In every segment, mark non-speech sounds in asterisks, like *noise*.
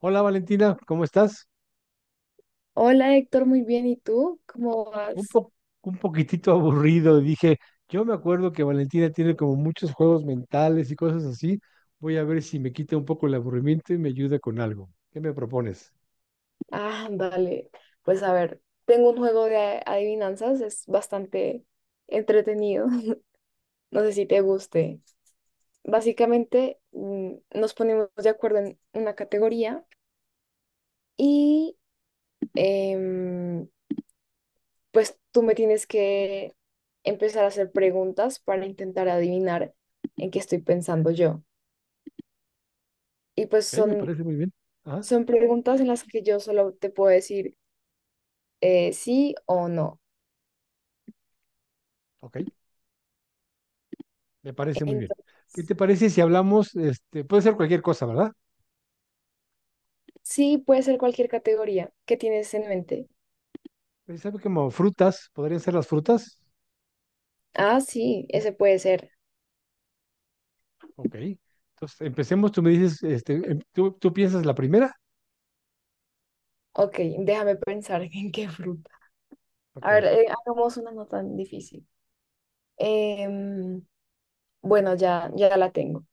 Hola Valentina, ¿cómo estás? Hola Héctor, muy bien. ¿Y tú? ¿Cómo Un vas? po- un poquitito aburrido, dije, yo me acuerdo que Valentina tiene como muchos juegos mentales y cosas así. Voy a ver si me quita un poco el aburrimiento y me ayuda con algo. ¿Qué me propones? Ah, vale, pues a ver, tengo un juego de adivinanzas, es bastante entretenido. *laughs* No sé si te guste. Básicamente, nos ponemos de acuerdo en una categoría y em, pues tú me tienes que empezar a hacer preguntas para intentar adivinar en qué estoy pensando yo. Y pues Ok, me son, parece muy bien. Ajá, son preguntas en las que yo solo te puedo decir sí o no. ok, me parece muy bien. ¿Qué te parece si hablamos, este, puede ser cualquier cosa, ¿verdad? Sí, puede ser cualquier categoría. ¿Qué tienes en mente? ¿Sabes como frutas? ¿Podrían ser las frutas? Ah, sí, ese puede ser. Ok. Entonces, empecemos, tú me dices, este, ¿tú, tú piensas la primera? Ok, déjame pensar *laughs* en qué fruta. Ok. A ver, hagamos una no tan difícil. Em, bueno, ya, ya la tengo.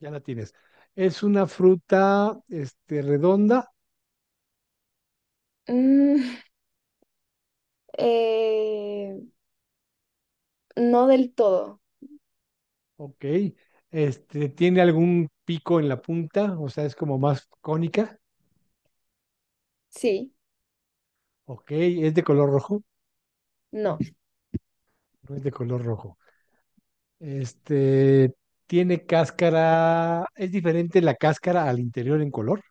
Ya la tienes. Es una fruta, este, redonda, Mm, *laughs* eh, no del todo. ok. Este, tiene algún pico en la punta, o sea, es como más cónica, Sí, ok. Es de color rojo, no, no es de color rojo. Este, tiene cáscara, es diferente la cáscara al interior en color,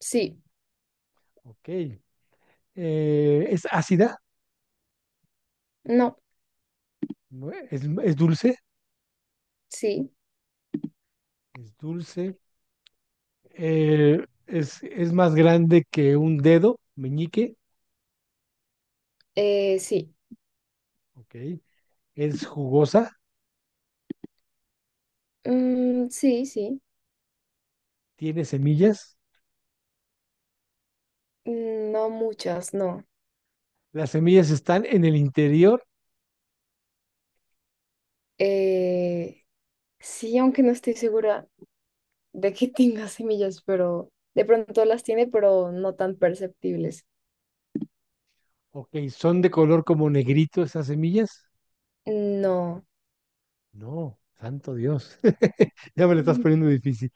sí, ok. Es ácida, no, ¿no? Es dulce, sí, es dulce. Es más grande que un dedo, meñique, sí. ok. Es jugosa, Mm, sí, sí. tiene semillas. Mm, no muchas, no. Las semillas están en el interior. Eh, sí, aunque no estoy segura de que *laughs* tenga semillas, pero de pronto las tiene, pero no tan perceptibles. Ok, ¿son de color como negrito esas semillas? No, No, santo Dios. *laughs* Ya me lo estás Mm. poniendo difícil.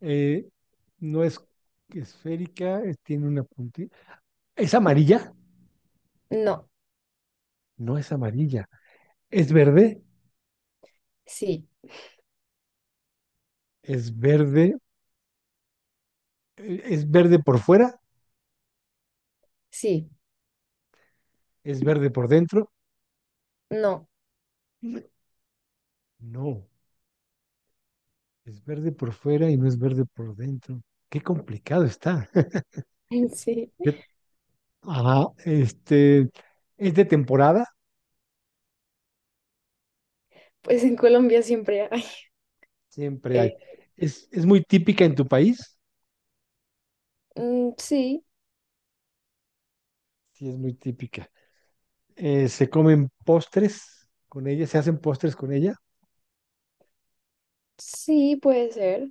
Eh, no es esférica, tiene una puntita. ¿Es amarilla? No, No es amarilla. ¿Es verde? sí, ¿Es verde? ¿Es verde por fuera? sí, ¿Es verde por dentro? no, No, es verde por fuera y no es verde por dentro. Qué complicado está. *laughs* sí. *laughs* Yo, ajá, este, es de temporada, Pues en Colombia siempre hay. siempre Eh, hay. Es muy típica en tu país, sí, sí, es muy típica. Se comen postres con ella, se hacen postres con ella. sí, puede ser.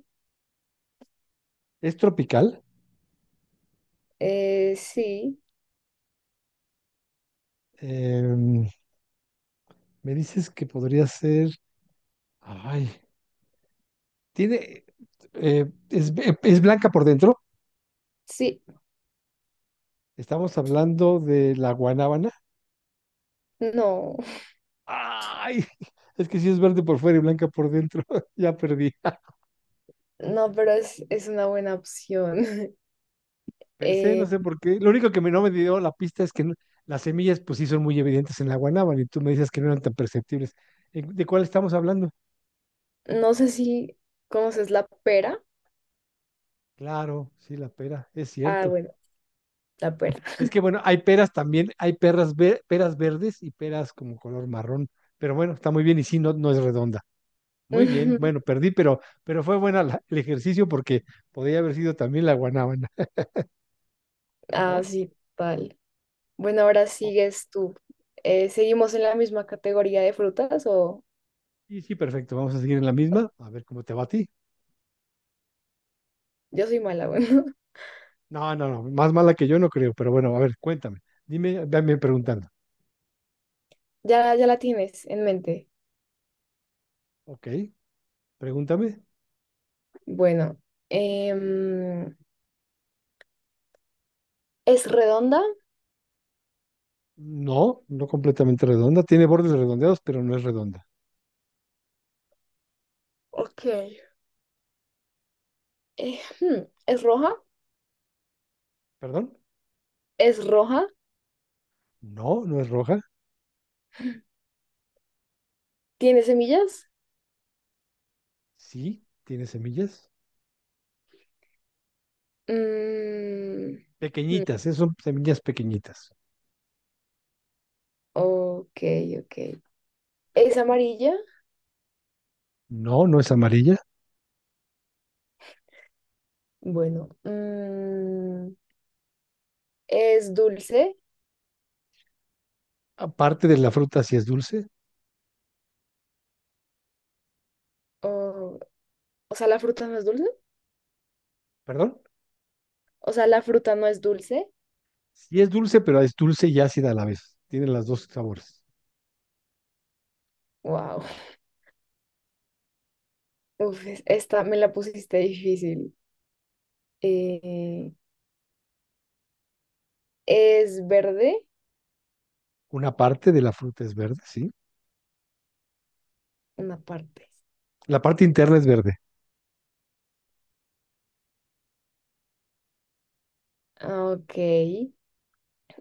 Es tropical. Sí, Em, Me dices que podría ser, ay, tiene, es blanca por dentro. sí, Estamos hablando de la guanábana. no, *laughs* Ay, *laughs* es que sí es verde por fuera y blanca por dentro. *laughs* Ya perdí. no, pero es una buena opción. *laughs* Pensé, no Eh, sé por qué. Lo único que no me dio la pista es que las semillas, pues sí, son muy evidentes en la guanábana y tú me dices que no eran tan perceptibles. ¿De cuál estamos hablando? no sé si conoces la pera. Claro, sí, la pera, es Ah, cierto. bueno, la pera. Es que bueno, hay peras también, hay perras ver peras verdes y peras como color marrón. Pero bueno, está muy bien y sí, no, no es redonda. Muy bien, bueno, *laughs* perdí, pero fue buena el ejercicio porque podría haber sido también la guanábana, Ah, ¿no? sí, tal. Bueno, ahora Oh, sigues tú. ¿Seguimos en la misma categoría de frutas o sí, sí, perfecto. Vamos a seguir en la misma, a ver cómo te va a ti. yo soy mala? Bueno, No, no, no, más mala que yo no creo, pero bueno, a ver, cuéntame. Dime, véanme preguntando. *laughs* ya, ya la tienes en mente. Ok, pregúntame. Bueno, em, ¿es redonda? No, no completamente redonda. Tiene bordes redondeados, pero no es redonda. Ok. ¿Es roja? ¿Perdón? ¿Es roja? No, no es roja. ¿Tiene semillas? Sí, tiene semillas. Mm, hmm, Pequeñitas, son semillas pequeñitas. ok, ok. ¿Es amarilla? No, no es amarilla. Bueno, ¿es dulce? Aparte de la fruta, sí es dulce. O, o sea, ¿la fruta no es dulce? ¿Perdón? O sea, ¿la fruta no es dulce? Sí es dulce, pero es dulce y ácida a la vez. Tiene los dos sabores. Wow. Uf, esta me la pusiste difícil. Eh, es verde, Una parte de la fruta es verde, sí. una parte. La parte interna es verde. Ah, ok.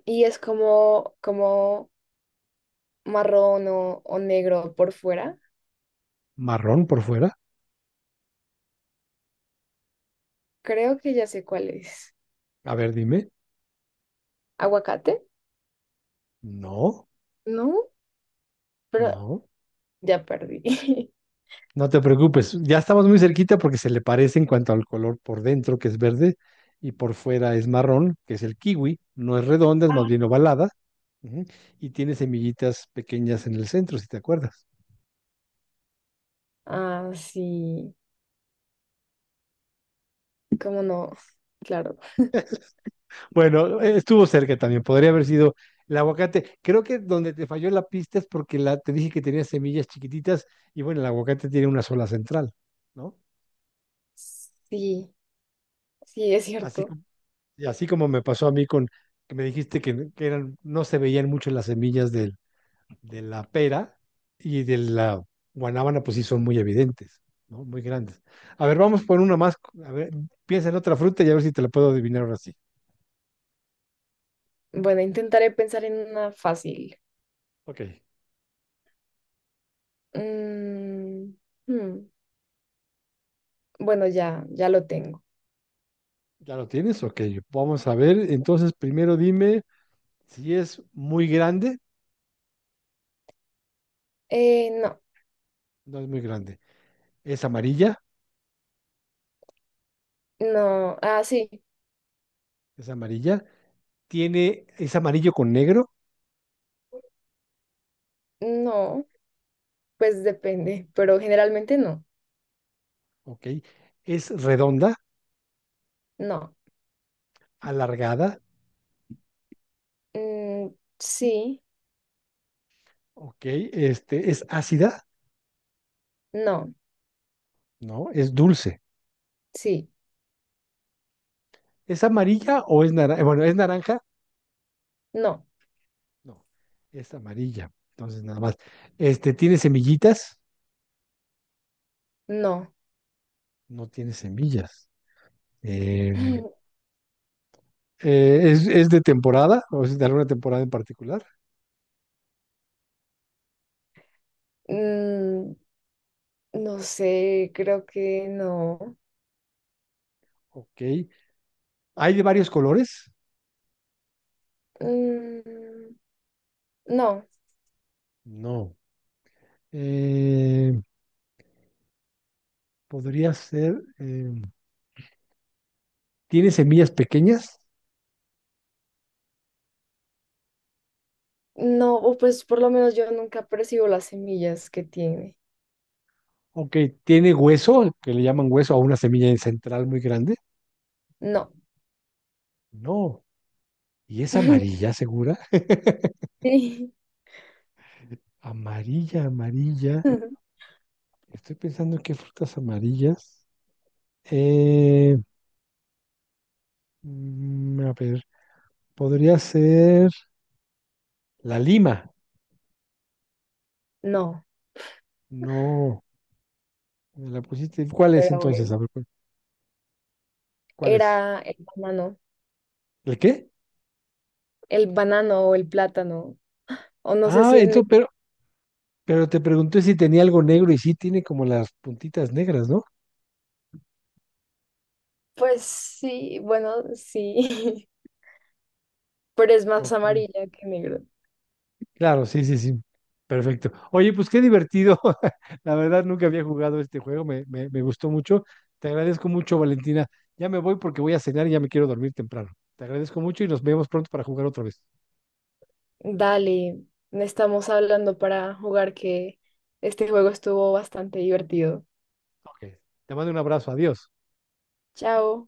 Y es como, como marrón o negro por fuera. Marrón por fuera. Creo que ya sé cuál es. A ver, dime. ¿Aguacate? No. No, pero No, ya perdí. *laughs* no te preocupes. Ya estamos muy cerquita porque se le parece en cuanto al color por dentro, que es verde, y por fuera es marrón, que es el kiwi. No es redonda, es más bien ovalada. Ujú, y tiene semillitas pequeñas en el centro, si te acuerdas. Ah, sí. ¿Cómo no? Claro. Bueno, estuvo cerca también. Podría haber sido el aguacate. Creo que donde te falló la pista es porque te dije que tenía semillas chiquititas y bueno, el aguacate tiene una sola central, ¿no? Sí, sí, es Así, cierto. como- y así como me pasó a mí con que me dijiste que eran, no se veían mucho las semillas del de la pera y de la guanábana, pues sí son muy evidentes, ¿no? Muy grandes. A ver, vamos por una más. A ver, piensa en otra fruta y a ver si te la puedo adivinar ahora sí. Bueno, intentaré pensar en una fácil. Ok, Mm, hmm, Bueno, ya, ya lo tengo. ¿ya lo tienes? Ok, vamos a ver. Entonces, primero dime si es muy grande. No, No es muy grande. Es amarilla, no, ah, sí, es amarilla. Tiene, es amarillo con negro, no, pues depende, pero generalmente no, ok. Es redonda, no, alargada, mm, sí, ok. Este, es ácida, no, ¿no? Es dulce. sí, ¿Es amarilla o es naranja? Bueno, es naranja, no, no, es amarilla. Entonces, nada más. Este, ¿tiene semillitas? no, No tiene semillas. Eh, *laughs* eh, es de temporada? ¿O es de alguna temporada en particular? Mm, no sé, creo que no, Ok. ¿Hay de varios colores? Mm, no, No. Eh, podría ser, ¿tiene semillas pequeñas? no, o pues por lo menos yo nunca percibo las semillas que tiene, Ok. ¿Tiene hueso? Que le llaman hueso a una semilla central muy grande. no, No. ¿Y es *laughs* amarilla, segura? *laughs* sí, Amarilla, amarilla. *laughs* Estoy pensando en qué frutas amarillas. Eh, mm, a ver, podría ser la lima. no, No, me la pusiste. ¿Cuál es pero entonces? bueno, A ver, ¿cuál es? era ¿El qué? el banano o el plátano, o no sé Ah, si en. entonces, pero te pregunté si tenía algo negro y sí tiene como las puntitas negras, ¿no? Pues sí, bueno, sí, *laughs* pero es más Ok. amarilla que negro. Claro, sí, sí, sí. Perfecto. Oye, pues qué divertido. *laughs* La verdad, nunca había jugado este juego. Me gustó mucho. Te agradezco mucho, Valentina. Ya me voy porque voy a cenar y ya me quiero dormir temprano. Te agradezco mucho y nos vemos pronto para jugar otra vez. Dale, estamos hablando para jugar que este juego estuvo bastante divertido. Ok. Te mando un abrazo. Adiós. Chao.